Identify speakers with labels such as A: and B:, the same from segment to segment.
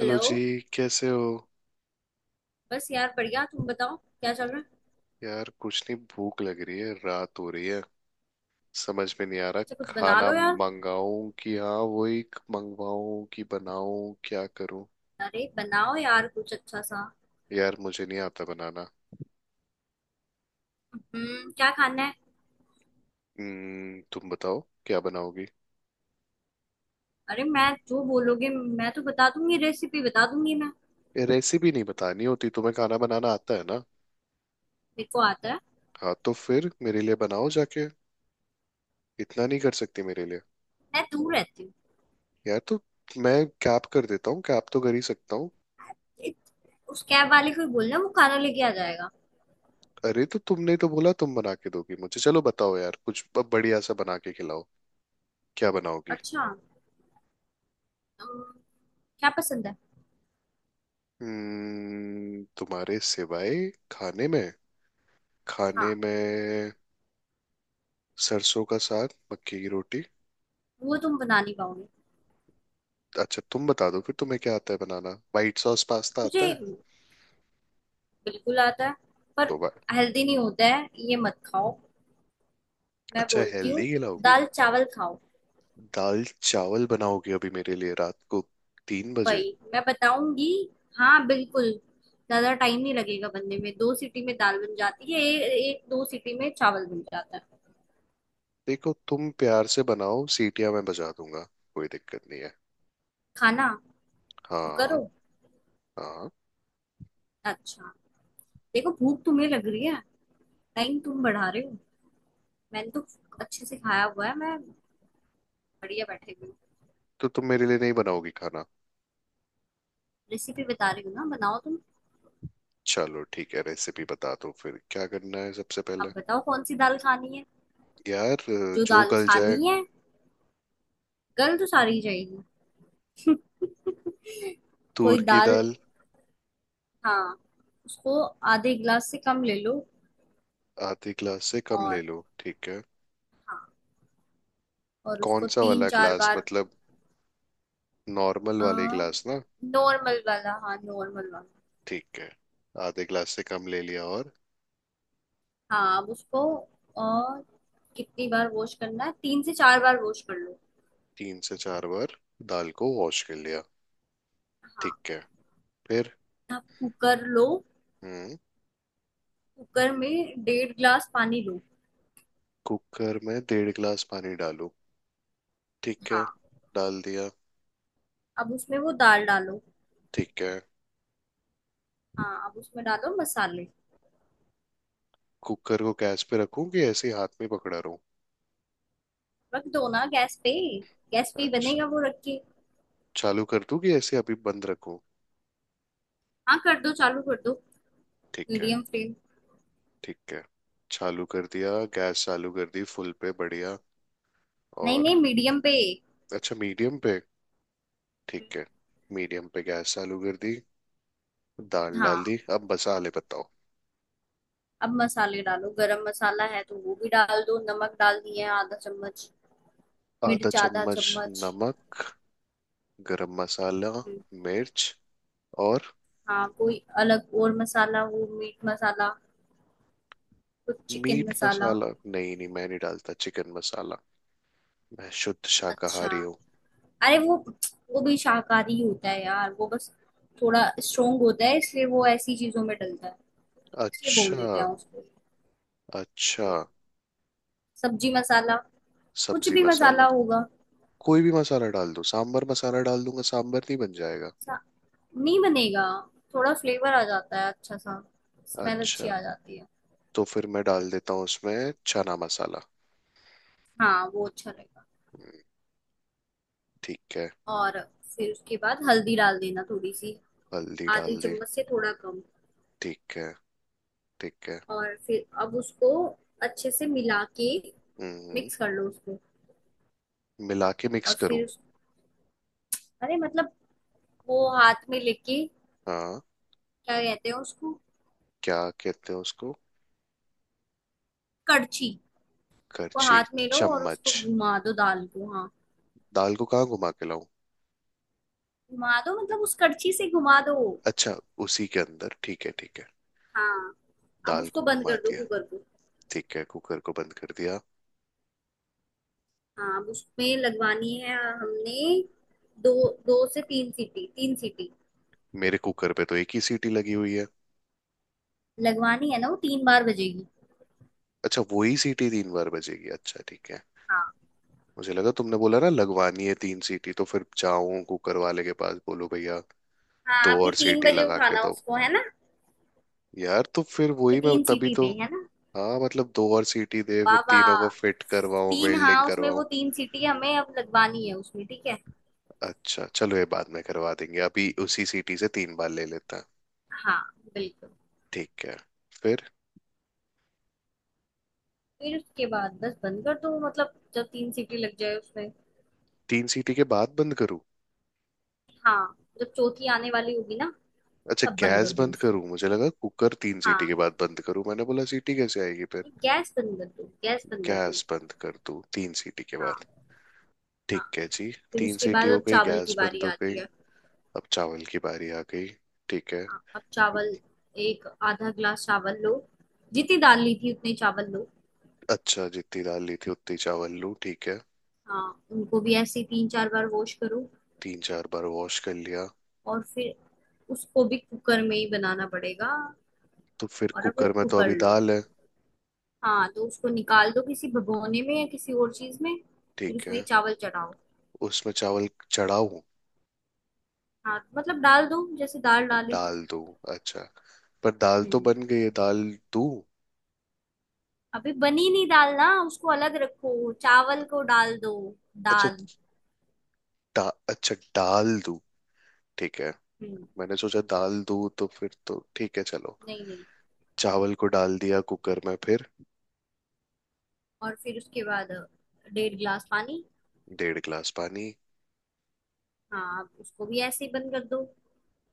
A: Hello
B: hello.
A: जी। कैसे हो?
B: बस यार बढ़िया, तुम बताओ क्या चल रहा है।
A: यार कुछ नहीं, भूख लग रही है, रात हो रही है। समझ में नहीं आ रहा
B: अच्छा, कुछ बना
A: खाना
B: लो यार।
A: मंगाऊं कि, हाँ, वही मंगवाऊं कि बनाऊं, क्या करूं।
B: अरे बनाओ यार कुछ अच्छा सा।
A: यार मुझे नहीं आता बनाना।
B: हम्म, क्या खाना है?
A: हम्म, तुम बताओ क्या बनाओगी।
B: अरे मैं जो बोलोगे, मैं तो बता दूंगी, रेसिपी बता दूंगी मैं।
A: ये रेसिपी नहीं बतानी होती, तुम्हें खाना बनाना आता है ना।
B: मेरे को आता है।
A: हाँ तो फिर मेरे लिए बनाओ जाके। इतना नहीं कर सकती मेरे लिए?
B: मैं दूर रहती हूँ।
A: यार, तो मैं कैप कर देता हूँ, कैप तो कर ही सकता हूँ।
B: इत- उस कैब वाले को ही बोलना, वो खाना लेके आ जाएगा।
A: अरे तो तुमने तो बोला तुम बना के दोगी मुझे, चलो बताओ यार कुछ बढ़िया सा बना के खिलाओ। क्या बनाओगी?
B: अच्छा। अम, क्या पसंद है?
A: तुम्हारे सिवाय खाने में। खाने
B: हाँ।
A: में सरसों का साग मक्की की रोटी।
B: वो तुम बना नहीं पाओगे।
A: अच्छा तुम बता दो फिर, तुम्हें क्या आता है बनाना? वाइट सॉस पास्ता
B: मुझे
A: आता है?
B: बिल्कुल आता है, पर
A: तो वा-
B: हेल्दी नहीं होता है ये, मत खाओ। मैं
A: अच्छा,
B: बोलती हूँ
A: हेल्दी खिलाओगी?
B: दाल चावल खाओ।
A: दाल चावल बनाओगी अभी मेरे लिए रात को तीन बजे?
B: वही मैं बताऊंगी। हाँ बिल्कुल। ज्यादा टाइम नहीं लगेगा बनने में, दो सीटी में दाल बन जाती है, एक दो सीटी में चावल बन जाता है।
A: देखो तुम प्यार से बनाओ, सीटियां मैं बजा दूंगा, कोई दिक्कत नहीं है।
B: खाना। कुकर
A: हाँ।
B: हो?
A: हाँ।
B: अच्छा। देखो भूख तुम्हें लग रही है, टाइम तुम बढ़ा रहे हो। मैंने तो अच्छे से खाया हुआ है, मैं बढ़िया बैठे हुई हूँ।
A: तो तुम मेरे लिए नहीं बनाओगी खाना?
B: रेसिपी बता रही हूँ ना, बनाओ तुम।
A: चलो ठीक है, रेसिपी बता दो फिर, क्या करना है सबसे पहले।
B: अब बताओ कौन सी दाल खानी है।
A: यार
B: जो
A: जो
B: दाल
A: गल जाए।
B: खानी है। गल तो सारी जाएगी। कोई
A: तूर की
B: दाल।
A: दाल।
B: हाँ। उसको आधे गिलास से कम ले लो।
A: आधे ग्लास से कम ले
B: और।
A: लो, ठीक है।
B: हाँ और
A: कौन
B: उसको
A: सा
B: तीन
A: वाला
B: चार
A: ग्लास
B: बार।
A: मतलब, नॉर्मल वाले ग्लास ना?
B: नॉर्मल वाला, हाँ नॉर्मल वाला।
A: ठीक है। आधे ग्लास से कम ले लिया, और?
B: हाँ अब उसको। और कितनी बार वॉश करना है, तीन से चार बार वॉश कर लो।
A: तीन से चार बार। दाल को वॉश कर लिया।
B: हाँ
A: ठीक है, फिर?
B: अब कुकर लो।
A: हम्म।
B: कुकर में डेढ़ ग्लास पानी लो।
A: कुकर में डेढ़ ग्लास पानी डालो। ठीक है,
B: हाँ
A: डाल दिया।
B: अब उसमें वो दाल डालो।
A: ठीक है।
B: हाँ अब उसमें डालो मसाले।
A: कुकर को गैस पे रखूं कि ऐसे ही हाथ में पकड़ा रहूं?
B: रख दो ना गैस पे, गैस पे ही
A: अच्छा।
B: बनेगा वो, रख के।
A: चालू कर दूं कि ऐसे अभी बंद रखूं?
B: हाँ, कर दो, चालू कर दो।
A: ठीक है।
B: Medium flame.
A: ठीक है, चालू कर दिया, गैस चालू कर दी, फुल पे, बढ़िया।
B: नहीं
A: और?
B: नहीं, मीडियम पे।
A: अच्छा, मीडियम पे। ठीक है। मीडियम पे गैस चालू कर दी, दाल डाल
B: हाँ
A: दी, अब मसाले बताओ।
B: अब मसाले डालो, गरम मसाला है तो वो भी डाल दो, नमक डाल दिए आधा चम्मच,
A: आधा
B: मिर्च आधा
A: चम्मच
B: चम्मच।
A: नमक, गरम मसाला,
B: हम्म।
A: मिर्च। और?
B: हाँ कोई अलग और मसाला, वो मीट मसाला, कुछ चिकन
A: मीट
B: मसाला।
A: मसाला नहीं, नहीं मैं नहीं डालता चिकन मसाला, मैं शुद्ध
B: अच्छा।
A: शाकाहारी हूँ।
B: अरे वो भी शाकाहारी होता है यार, वो बस थोड़ा स्ट्रोंग होता है इसलिए वो ऐसी चीजों में डलता है, इसलिए बोल देते
A: अच्छा।
B: हैं उसको।
A: अच्छा।
B: हम्म, सब्जी मसाला। कुछ
A: सब्जी
B: भी मसाला
A: मसाला।
B: होगा।
A: कोई भी मसाला डाल दो, सांबर मसाला डाल दूंगा, सांबर नहीं बन जाएगा?
B: सा- नहीं बनेगा। थोड़ा फ्लेवर आ जाता है अच्छा सा, स्मेल अच्छी
A: अच्छा,
B: आ जाती है।
A: तो फिर मैं डाल देता हूँ उसमें चना मसाला।
B: हाँ वो अच्छा लगेगा।
A: हम्म, ठीक है।
B: और फिर उसके बाद हल्दी डाल देना थोड़ी सी,
A: हल्दी
B: आधी
A: डाल दी।
B: चम्मच से थोड़ा कम।
A: ठीक है। ठीक है।
B: और फिर अब उसको अच्छे से मिला के
A: हम्म।
B: मिक्स कर लो उसको।
A: मिला के मिक्स
B: और
A: करूँ?
B: फिर अरे मतलब वो हाथ में लेके,
A: हाँ।
B: क्या कहते हैं उसको,
A: क्या कहते हैं उसको?
B: कड़छी को
A: करछी?
B: हाथ में लो और उसको
A: चम्मच?
B: घुमा दो दाल को, हाँ।
A: दाल को कहाँ घुमा के लाऊं?
B: घुमा दो मतलब उस कड़छी से घुमा दो।
A: अच्छा, उसी के अंदर, ठीक है ठीक है।
B: हाँ अब
A: दाल
B: उसको
A: को
B: बंद
A: घुमा
B: कर दो,
A: दिया।
B: कुकर को।
A: ठीक है, कुकर को बंद कर दिया।
B: हाँ अब उसमें लगवानी है हमने दो, दो से तीन सीटी, तीन सीटी।
A: मेरे कुकर पे तो एक ही सीटी लगी हुई है।
B: लगवानी है ना, वो तीन बार बजेगी।
A: अच्छा, वही सीटी तीन बार बजेगी, अच्छा ठीक है।
B: हाँ।
A: मुझे लगा तुमने बोला ना लगवानी है तीन सीटी, तो फिर जाऊं कुकर वाले के पास, बोलो भैया
B: हाँ
A: दो
B: अभी
A: और
B: तीन
A: सीटी
B: बजे
A: लगा के
B: उठाना
A: दो।
B: उसको है ना,
A: यार तो फिर
B: कि
A: वही, मैं
B: तीन
A: तभी
B: सीटी
A: तो।
B: दे, है ना।
A: हाँ मतलब दो और सीटी दे, फिर
B: बाबा
A: तीनों को फिट करवाऊं,
B: तीन,
A: वेल्डिंग
B: हाँ उसमें
A: करवाऊं।
B: वो तीन सीटी हमें अब लगवानी है उसमें, ठीक है।
A: अच्छा, चलो ये बाद में करवा देंगे, अभी उसी सीटी से तीन बार ले लेता है।
B: हाँ बिल्कुल।
A: ठीक है, फिर?
B: फिर उसके बाद बस बंद कर दो, मतलब जब तीन सीटी लग जाए उसमें।
A: तीन सीटी के बाद बंद करूं?
B: हाँ जब चौथी आने वाली होगी ना,
A: अच्छा,
B: तब बंद
A: गैस
B: कर दो
A: बंद
B: उसको।
A: करूं, मुझे लगा कुकर तीन सीटी
B: हाँ,
A: के बाद बंद करूं, मैंने बोला सीटी कैसे आएगी फिर।
B: गैस बंद कर दो, गैस बंद कर
A: गैस
B: दो।
A: बंद कर दूं तीन सीटी के बाद?
B: हाँ। हाँ
A: ठीक है जी।
B: फिर
A: तीन
B: उसके
A: सीटी
B: बाद
A: हो
B: अब
A: गई,
B: चावल की
A: गैस बंद
B: बारी
A: हो गई,
B: आती है।
A: अब चावल की बारी आ गई। ठीक है।
B: हाँ अब चावल, एक आधा ग्लास चावल लो, जितनी दाल ली थी उतने चावल लो।
A: अच्छा, जितनी दाल ली थी उतनी चावल लूँ, ठीक है।
B: हाँ उनको भी ऐसे ही तीन चार बार वॉश करो।
A: तीन चार बार वॉश कर लिया।
B: और फिर उसको भी कुकर में ही बनाना पड़ेगा।
A: तो फिर
B: और अब एक
A: कुकर में तो
B: कुकर
A: अभी
B: लो।
A: दाल है।
B: हाँ तो उसको निकाल दो किसी भगोने में या किसी और चीज में। फिर
A: ठीक
B: उसमें ये
A: है।
B: चावल चढ़ाओ।
A: उसमें चावल चढ़ाऊं?
B: हाँ मतलब डाल दो जैसे दाल डाली थी।
A: डाल दूं? अच्छा, पर दाल तो
B: हम्म।
A: बन गई है, दाल दूं?
B: अभी बनी नहीं दाल ना, उसको अलग रखो, चावल को डाल दो
A: अच्छा,
B: दाल।
A: डा, अच्छा डाल दूं, ठीक है।
B: हम्म।
A: मैंने सोचा दाल दूं, तो फिर तो ठीक है चलो।
B: नहीं नहीं।
A: चावल को डाल दिया कुकर में, फिर?
B: और फिर उसके बाद डेढ़ गिलास पानी।
A: डेढ़ गिलास पानी।
B: हाँ उसको भी ऐसे ही बंद कर दो।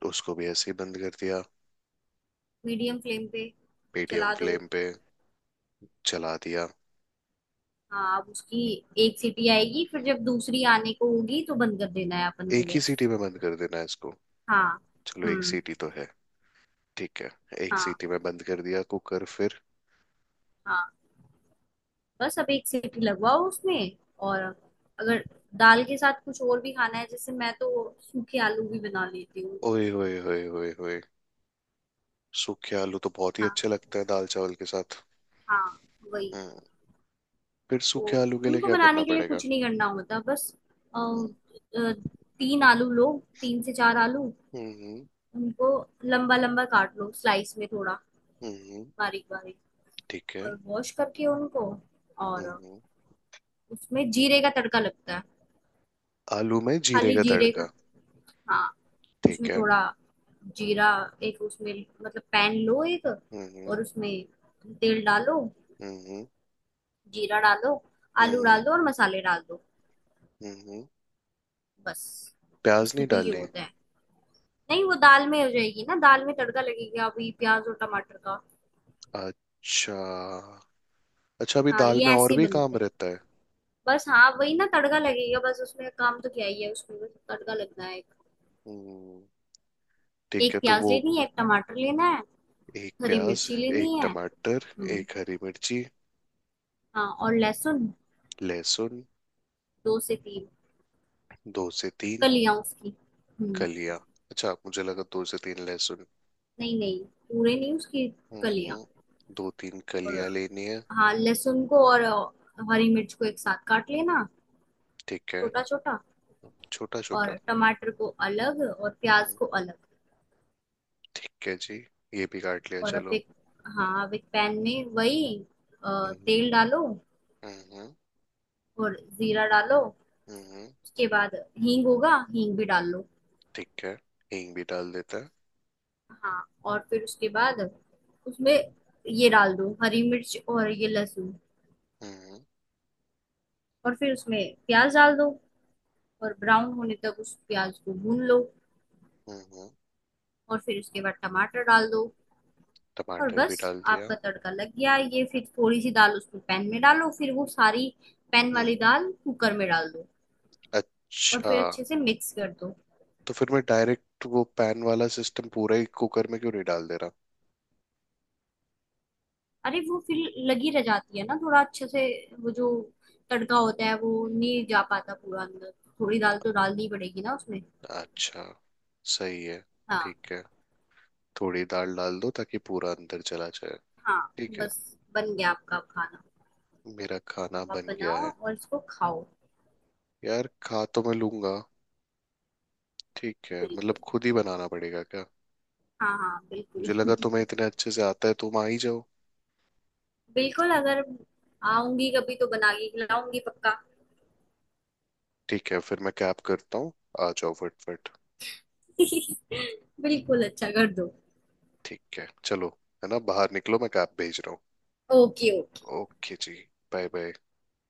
A: उसको भी ऐसे ही बंद कर दिया।
B: मीडियम फ्लेम पे
A: मीडियम
B: चला दो।
A: फ्लेम पे। चला दिया।
B: हाँ अब उसकी एक सीटी आएगी, फिर जब दूसरी आने को होगी तो बंद कर देना है अपन को
A: एक ही
B: गैस।
A: सीटी में बंद कर देना है इसको?
B: हाँ।
A: चलो एक
B: हम्म।
A: सीटी तो है, ठीक है। एक
B: हाँ।
A: सीटी में बंद कर दिया कुकर, फिर?
B: हाँ बस अब एक सीटी लगवाओ उसमें। और अगर दाल के साथ कुछ और भी खाना है, जैसे मैं तो सूखे आलू भी बना लेती हूँ।
A: ओए होए होए होए होए, सूखे आलू तो बहुत ही
B: हाँ
A: अच्छे लगते हैं दाल चावल के साथ।
B: हाँ वही।
A: हम्म। फिर
B: तो
A: सूखे आलू के लिए
B: उनको
A: क्या करना
B: बनाने के लिए
A: पड़ेगा?
B: कुछ नहीं करना होता बस। अ,
A: हम्म।
B: अ, तीन आलू लो, तीन से चार आलू।
A: हम्म।
B: उनको लंबा लंबा काट लो स्लाइस में, थोड़ा
A: हम्म,
B: बारीक बारीक।
A: ठीक है।
B: और वॉश करके उनको। और
A: हम्म।
B: उसमें जीरे का तड़का लगता है,
A: आलू में जीरे
B: खाली
A: का
B: जीरे का।
A: तड़का?
B: हाँ
A: ठीक
B: उसमें
A: है।
B: थोड़ा जीरा। एक उसमें, मतलब पैन लो एक,
A: हम्म।
B: और उसमें तेल डालो,
A: हम्म।
B: जीरा डालो, आलू
A: हम्म।
B: डाल दो और मसाले डाल दो,
A: हम्म।
B: बस।
A: प्याज नहीं
B: इसमें तो ये
A: डालनी?
B: होता है। नहीं वो दाल में हो जाएगी ना, दाल में तड़का लगेगा अभी प्याज और टमाटर का।
A: अच्छा, अच्छा अभी
B: हाँ
A: दाल
B: ये
A: में और
B: ऐसे ही
A: भी
B: बनते
A: काम
B: हैं।
A: रहता है।
B: बस हाँ वही ना, तड़का लगेगा बस उसमें, काम तो क्या ही है उसमें, बस तड़का लगना है। एक,
A: हम्म, ठीक
B: एक
A: है तो
B: प्याज
A: वो।
B: लेनी है, एक टमाटर लेना है।
A: एक
B: हरी
A: प्याज,
B: मिर्ची लेनी
A: एक
B: है।
A: टमाटर,
B: हम्म।
A: एक हरी मिर्ची।
B: हाँ और लहसुन,
A: लहसुन।
B: दो से तीन
A: दो से तीन।
B: कलियां उसकी। हम्म।
A: कलियां? अच्छा मुझे लगा दो से तीन लहसुन।
B: नहीं नहीं, पूरे नहीं, उसकी कलियां।
A: हम्म, दो तीन
B: और
A: कलियां लेनी है।
B: हाँ लहसुन को और हरी मिर्च को एक साथ काट लेना,
A: ठीक है।
B: छोटा छोटा।
A: छोटा छोटा।
B: और टमाटर को अलग और प्याज
A: हम्म,
B: को अलग।
A: ठीक है जी, ये भी काट लिया
B: और अब
A: चलो।
B: एक, हाँ अब एक पैन में वही,
A: हम्म।
B: तेल डालो।
A: हम्म। हम्म।
B: और जीरा डालो।
A: हम्म, हम्म,
B: उसके बाद हींग होगा, हींग भी डाल लो।
A: ठीक है। हींग भी डाल देता है।
B: हाँ और फिर उसके बाद उसमें
A: हम्म।
B: ये डाल दो, हरी मिर्च और ये लहसुन।
A: हम्म।
B: और फिर उसमें प्याज डाल दो, और ब्राउन होने तक उस प्याज को भून लो।
A: हम्म, हम्म,
B: और फिर उसके बाद टमाटर डाल दो। और
A: टमाटर भी
B: बस
A: डाल दिया।
B: आपका तड़का लग गया, ये फिर थोड़ी सी दाल उसमें पैन में डालो, फिर वो सारी पैन
A: हम्म।
B: वाली दाल कुकर में डाल दो। और
A: अच्छा,
B: फिर अच्छे से मिक्स कर दो।
A: तो फिर मैं डायरेक्ट वो पैन वाला सिस्टम पूरा ही कुकर में क्यों नहीं डाल दे
B: अरे वो फिर लगी रह जाती है ना थोड़ा अच्छे से, वो जो तड़का होता है वो नहीं जा पाता पूरा अंदर, थोड़ी दाल तो डालनी पड़ेगी ना उसमें।
A: रहा? अच्छा, सही है,
B: हाँ।
A: ठीक है। थोड़ी दाल डाल दो ताकि पूरा अंदर चला जाए।
B: हाँ
A: ठीक है।
B: बस, बन गया आपका खाना।
A: मेरा खाना
B: आप
A: बन गया
B: बनाओ
A: है?
B: और इसको खाओ।
A: यार खा तो मैं लूंगा। ठीक है, मतलब
B: बिल्कुल,
A: खुद ही बनाना पड़ेगा क्या?
B: हाँ हाँ बिल्कुल।
A: मुझे लगा तुम्हें इतने अच्छे से आता है, तुम आ ही जाओ।
B: बिल्कुल, अगर आऊंगी कभी तो बना के खिलाऊंगी पक्का।
A: ठीक है, फिर मैं कैब करता हूँ, आ जाओ फटफट।
B: बिल्कुल, अच्छा कर दो।
A: ठीक है चलो, है ना, बाहर निकलो, मैं कैब भेज रहा
B: ओके।
A: हूँ। ओके जी, बाय बाय।